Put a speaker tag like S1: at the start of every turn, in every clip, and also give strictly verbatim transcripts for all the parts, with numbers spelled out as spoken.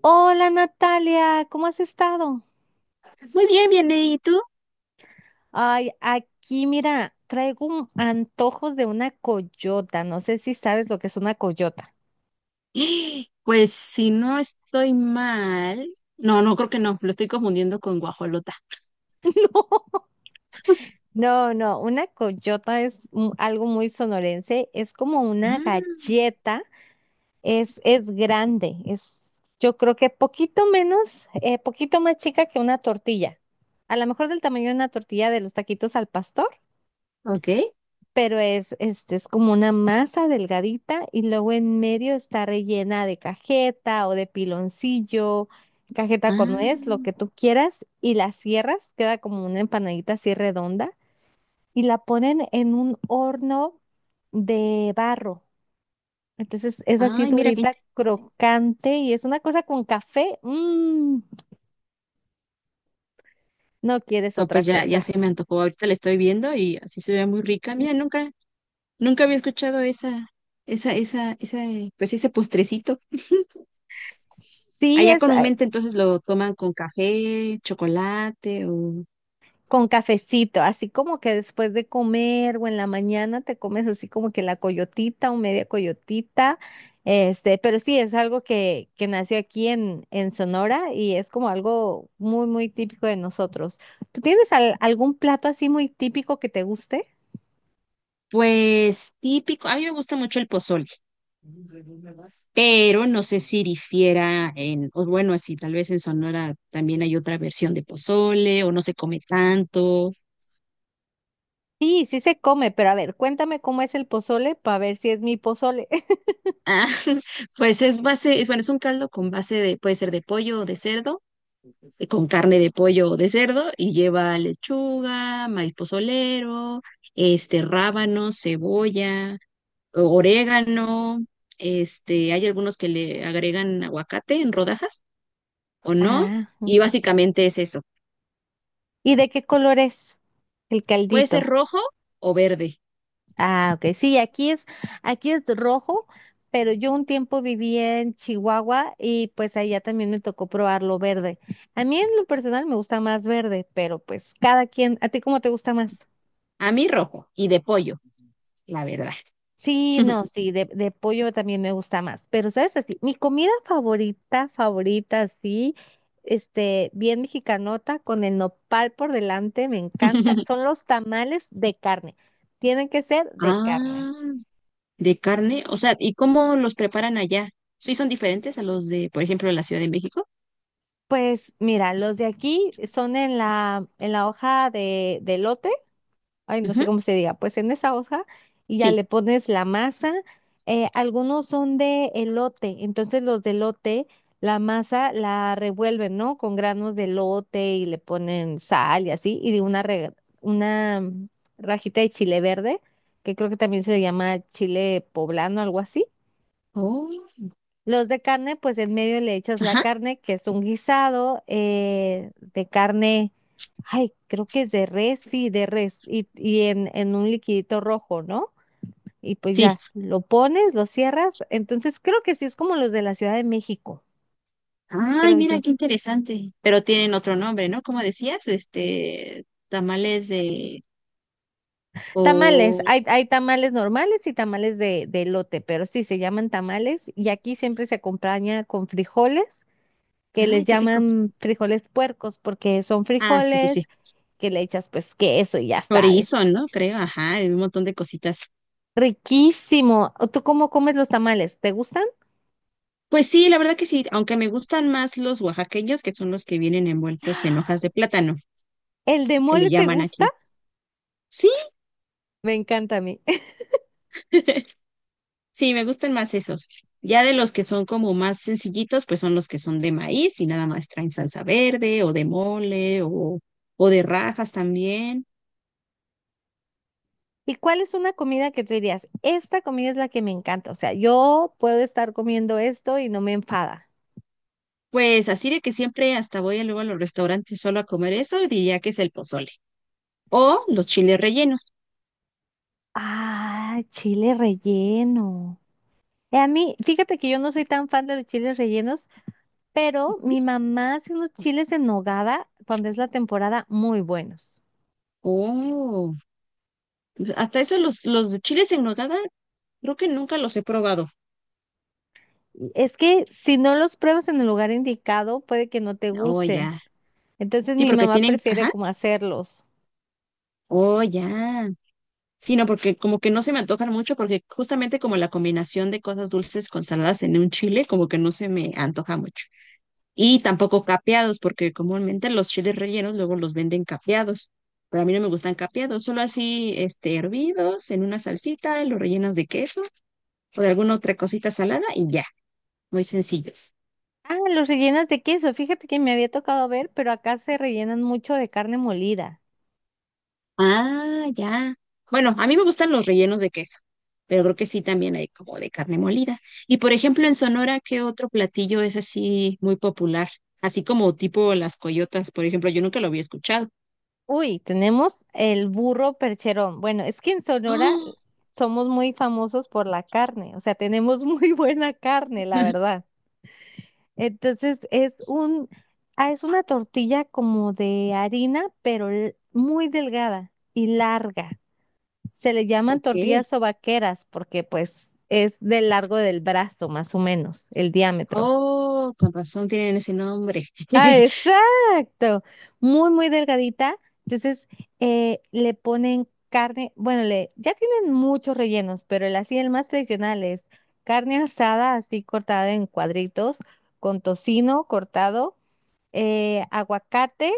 S1: Hola Natalia, ¿cómo has estado?
S2: Muy bien, bien, ¿y tú?
S1: Ay, aquí mira, traigo un- antojos de una coyota. No sé si sabes lo que es una coyota.
S2: Pues si no estoy mal, no, no creo que no, lo estoy confundiendo con guajolota.
S1: No, no, no, una coyota es un- algo muy sonorense. Es como una
S2: Ah,
S1: galleta, es, es grande, es yo creo que poquito menos, eh, poquito más chica que una tortilla. A lo mejor del tamaño de una tortilla de los taquitos al pastor.
S2: ok.
S1: Pero es, este, es como una masa delgadita y luego en medio está rellena de cajeta o de piloncillo, cajeta con nuez, lo
S2: Ah,
S1: que tú quieras, y la cierras, queda como una empanadita así redonda y la ponen en un horno de barro. Entonces es así
S2: ay, mira qué
S1: durita,
S2: inte-
S1: crocante y es una cosa con café. mm, no quieres
S2: no,
S1: otra
S2: pues ya, ya
S1: cosa.
S2: se me antojó. Ahorita la estoy viendo y así se ve muy rica. Mira, nunca, nunca había escuchado esa, esa, esa, esa, eh, pues ese postrecito.
S1: Sí,
S2: Allá
S1: es,
S2: comúnmente entonces lo toman con café, chocolate o
S1: con cafecito, así como que después de comer o en la mañana te comes así como que la coyotita o media coyotita, este, pero sí, es algo que, que nació aquí en, en Sonora y es como algo muy, muy típico de nosotros. ¿Tú tienes al- algún plato así muy típico que te guste?
S2: pues típico. A mí me gusta mucho el pozole. Pero no sé si difiera en, o bueno, así tal vez en Sonora también hay otra versión de pozole o no se come tanto.
S1: Sí, sí se come, pero a ver, cuéntame cómo es el pozole para ver si es mi pozole.
S2: Ah, pues es base, es bueno, es un caldo con base de, puede ser de pollo o de cerdo, eh, con carne de pollo o de cerdo y lleva lechuga, maíz pozolero, este rábano, cebolla, o- orégano, este, hay algunos que le agregan aguacate en rodajas o no,
S1: Ah,
S2: y básicamente es eso.
S1: ¿y de qué color es el
S2: Puede ser
S1: caldito?
S2: rojo o verde.
S1: Ah, ok. Sí, aquí es, aquí es rojo, pero yo un tiempo viví en Chihuahua y pues allá también me tocó probarlo verde. A mí en lo personal me gusta más verde, pero pues cada quien, ¿a ti cómo te gusta más?
S2: A mí rojo y de pollo, la verdad.
S1: Sí, no, sí, de, de pollo también me gusta más, pero sabes así, mi comida favorita, favorita, sí, este, bien mexicanota, con el nopal por delante, me encanta, son los tamales de carne, tienen que ser de carne.
S2: Ah, de carne. O sea, ¿y cómo los preparan allá? ¿Sí son diferentes a los de, por ejemplo, la Ciudad de México?
S1: Pues mira, los de aquí son en la, en la hoja de, de lote, ay, no
S2: Ujú.
S1: sé cómo se diga, pues en esa hoja y ya le
S2: Sí.
S1: pones la masa. Eh, algunos son de elote, entonces los de elote, la masa la revuelven, ¿no? Con granos de elote y le ponen sal y así, y de una, re- una mm, rajita de chile verde, que creo que también se le llama chile poblano, algo así.
S2: Oh,
S1: Los de carne, pues en medio le echas la
S2: ajá.
S1: carne, que es un guisado eh, de carne, ay, creo que es de res, sí, de res, y, y en, en un liquidito rojo, ¿no? Y pues
S2: Sí.
S1: ya, lo pones, lo cierras, entonces creo que sí es como los de la Ciudad de México,
S2: Ay,
S1: creo
S2: mira
S1: yo.
S2: qué interesante. Pero tienen otro nombre, ¿no? Como decías, este, tamales de,
S1: Tamales,
S2: o,
S1: hay, hay tamales normales y tamales de, de elote, pero sí, se llaman tamales y aquí siempre se acompaña con frijoles, que les
S2: ay, qué rico.
S1: llaman frijoles puercos, porque son
S2: Ah, sí, sí,
S1: frijoles
S2: sí.
S1: que le echas pues queso y ya
S2: Chorizo,
S1: sabes.
S2: ¿no? Creo, ajá, y un montón de cositas.
S1: Riquísimo. ¿O ¿tú cómo comes los tamales? ¿Te gustan?
S2: Pues sí, la verdad que sí, aunque me gustan más los oaxaqueños, que son los que vienen envueltos en hojas de plátano,
S1: ¿El de
S2: que le
S1: mole te
S2: llaman
S1: gusta?
S2: aquí. Sí,
S1: Me encanta a mí.
S2: sí, me gustan más esos. Ya de los que son como más sencillitos, pues son los que son de maíz y nada más traen salsa verde o de mole o, o de rajas también.
S1: ¿Y cuál es una comida que tú dirías? Esta comida es la que me encanta. O sea, yo puedo estar comiendo esto y no me enfada.
S2: Pues así de que siempre hasta voy luego a los restaurantes solo a comer eso, diría que es el pozole o los chiles rellenos.
S1: Ah, chile relleno. Eh, A mí, fíjate que yo no soy tan fan de los chiles rellenos, pero
S2: Ujú.
S1: mi mamá hace unos chiles en nogada cuando es la temporada muy buenos.
S2: Oh, pues hasta eso los, los de chiles en nogada, creo que nunca los he probado.
S1: Es que si no los pruebas en el lugar indicado, puede que no te
S2: Oh,
S1: gusten.
S2: ya.
S1: Entonces
S2: Sí,
S1: mi
S2: porque
S1: mamá
S2: tienen,
S1: prefiere
S2: ajá,
S1: como hacerlos.
S2: oh, ya. Sí, no, porque como que no se me antojan mucho, porque justamente como la combinación de cosas dulces con saladas en un chile, como que no se me antoja mucho. Y tampoco capeados, porque comúnmente los chiles rellenos luego los venden capeados. Pero a mí no me gustan capeados, solo así, este, hervidos en una salsita, los rellenos de queso o de alguna otra cosita salada y ya, muy sencillos.
S1: Ah, los rellenas de queso. Fíjate que me había tocado ver, pero acá se rellenan mucho de carne molida.
S2: Ah, ya. Bueno, a mí me gustan los rellenos de queso, pero creo que sí también hay como de carne molida. Y por ejemplo, en Sonora, ¿qué otro platillo es así muy popular? Así como tipo las coyotas, por ejemplo, yo nunca lo había escuchado.
S1: Uy, tenemos el burro percherón. Bueno, es que en Sonora
S2: Oh,
S1: somos muy famosos por la carne. O sea, tenemos muy buena carne, la verdad. Entonces es un, ah, es una tortilla como de harina, pero l- muy delgada y larga. Se le llaman
S2: ok.
S1: tortillas o porque pues es del largo del brazo, más o menos, el diámetro.
S2: Oh, con razón tienen ese nombre.
S1: Ah, exacto. Muy, muy delgadita. Entonces, eh, le ponen carne, bueno, le, ya tienen muchos rellenos, pero el así, el más tradicional es carne asada, así cortada en cuadritos, con tocino cortado, eh, aguacate,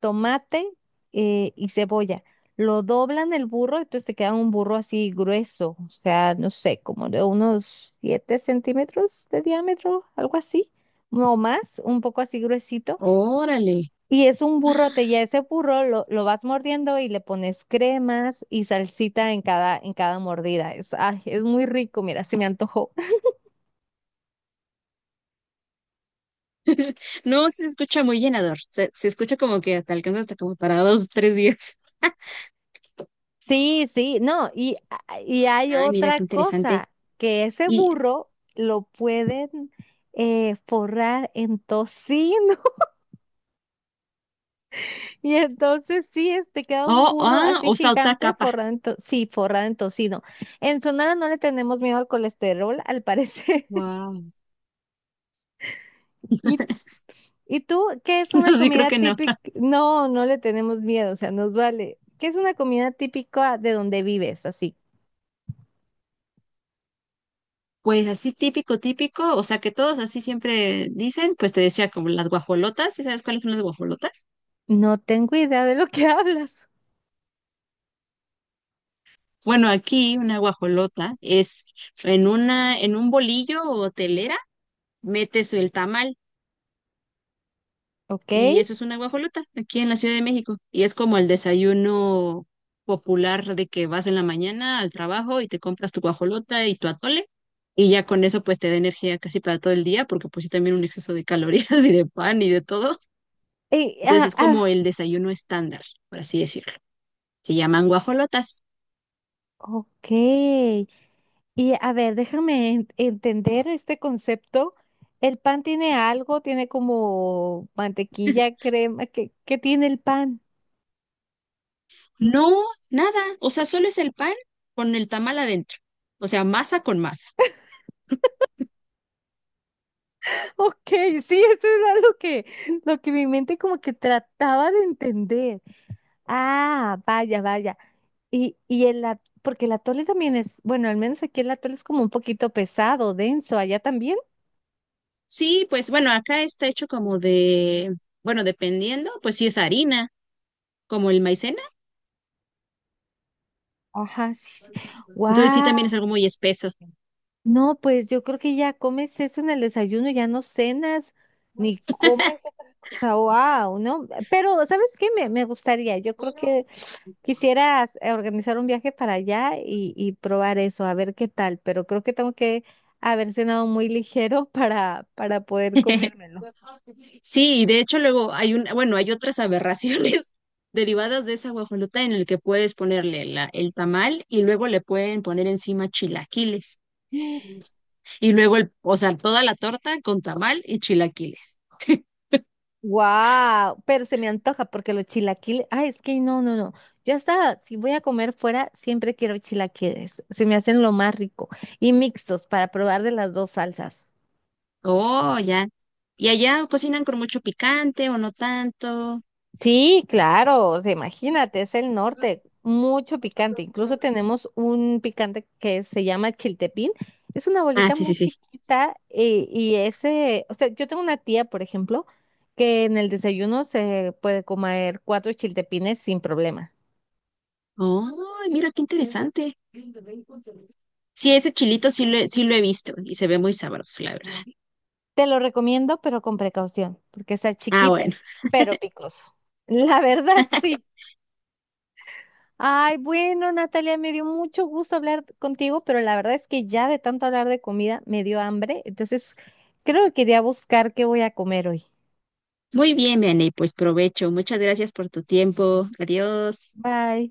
S1: tomate eh, y cebolla. Lo doblan el burro, entonces te queda un burro así grueso, o sea, no sé, como de unos siete centímetros de diámetro, algo así, no más, un poco así gruesito.
S2: Órale.
S1: Y es un
S2: Ah,
S1: burrote, y a ese burro lo, lo vas mordiendo y le pones cremas y salsita en cada, en cada mordida. Es, ay, es muy rico, mira, se me antojó.
S2: no, se escucha muy llenador. Se, se escucha como que te alcanza hasta como para dos, tres días.
S1: Sí, sí, no, y, y hay
S2: Ay, mira
S1: otra
S2: qué interesante.
S1: cosa, que ese
S2: Y,
S1: burro lo pueden eh, forrar en tocino. Y entonces sí, este queda un
S2: oh,
S1: burro
S2: ah,
S1: así
S2: o saltar
S1: gigante
S2: capa.
S1: forrado en to- sí, forrado en tocino. En Sonora no le tenemos miedo al colesterol, al parecer.
S2: Wow.
S1: ¿Y, y tú qué es una
S2: No, sí, creo
S1: comida
S2: que no.
S1: típica? No, no le tenemos miedo, o sea, nos vale. ¿Qué es una comida típica de donde vives? Así.
S2: Pues así típico, típico, o sea que todos así siempre dicen, pues te decía como las guajolotas, ¿sí sabes cuáles son las guajolotas?
S1: No tengo idea de lo que hablas.
S2: Bueno, aquí una guajolota es en una, en un bolillo o telera, metes el tamal
S1: ¿Ok?
S2: y eso es una guajolota aquí en la Ciudad de México. Y es como el desayuno popular de que vas en la mañana al trabajo y te compras tu guajolota y tu atole. Y ya con eso pues te da energía casi para todo el día, porque pues sí también un exceso de calorías y de pan y de todo.
S1: Y,
S2: Entonces
S1: ah,
S2: es como
S1: ah,
S2: el desayuno estándar, por así decirlo. Se llaman guajolotas.
S1: ok. Y a ver, déjame en- entender este concepto. ¿El pan tiene algo? ¿Tiene como mantequilla, crema? ¿Qué, qué tiene el pan?
S2: No, nada. O sea, solo es el pan con el tamal adentro. O sea, masa con masa.
S1: Ok, sí, eso era lo que, lo que mi mente como que trataba de entender. Ah, vaya, vaya. Y, y el, at- porque el atole también es, bueno, al menos aquí el atole es como un poquito pesado, denso, allá también.
S2: Sí, pues bueno, acá está hecho como de, bueno, dependiendo, pues sí es harina, como el maicena.
S1: Ajá, sí, sí.
S2: Entonces sí también es algo muy espeso.
S1: No, pues yo creo que ya comes eso en el desayuno, ya no cenas, ni comes otra cosa. Wow, ¿no? Pero, ¿sabes qué? Me, me gustaría, yo creo que quisieras eh, organizar un viaje para allá y, y probar eso, a ver qué tal, pero creo que tengo que haber cenado muy ligero para, para poder comérmelo.
S2: Sí, y de hecho luego hay un, bueno, hay otras aberraciones derivadas de esa guajolota en el que puedes ponerle la, el tamal y luego le pueden poner encima chilaquiles. Y luego, el, o sea, toda la torta con tamal y chilaquiles.
S1: Wow, pero se me antoja porque los chilaquiles, ay, es que no, no, no. Yo hasta si voy a comer fuera, siempre quiero chilaquiles. Se me hacen lo más rico y mixtos para probar de las dos salsas.
S2: Oh, ya. ¿Y allá cocinan con mucho picante o no tanto?
S1: Sí, claro, o sea, imagínate, es el norte, mucho picante. Incluso tenemos un picante que se llama chiltepín. Es una
S2: Ah,
S1: bolita
S2: sí, sí,
S1: muy
S2: sí.
S1: chiquita y, y ese, o sea, yo tengo una tía, por ejemplo, que en el desayuno se puede comer cuatro chiltepines sin problema.
S2: Oh, mira qué interesante. Sí, ese chilito sí lo, he- sí lo he visto y se ve muy sabroso, la verdad.
S1: Te lo recomiendo, pero con precaución, porque está
S2: Ah,
S1: chiquito,
S2: bueno.
S1: pero picoso. La verdad, sí. Ay, bueno, Natalia, me dio mucho gusto hablar contigo, pero la verdad es que ya de tanto hablar de comida me dio hambre, entonces creo que iré a buscar qué voy a comer hoy.
S2: Muy bien, Vianney, pues provecho. Muchas gracias por tu tiempo. Adiós.
S1: Bye.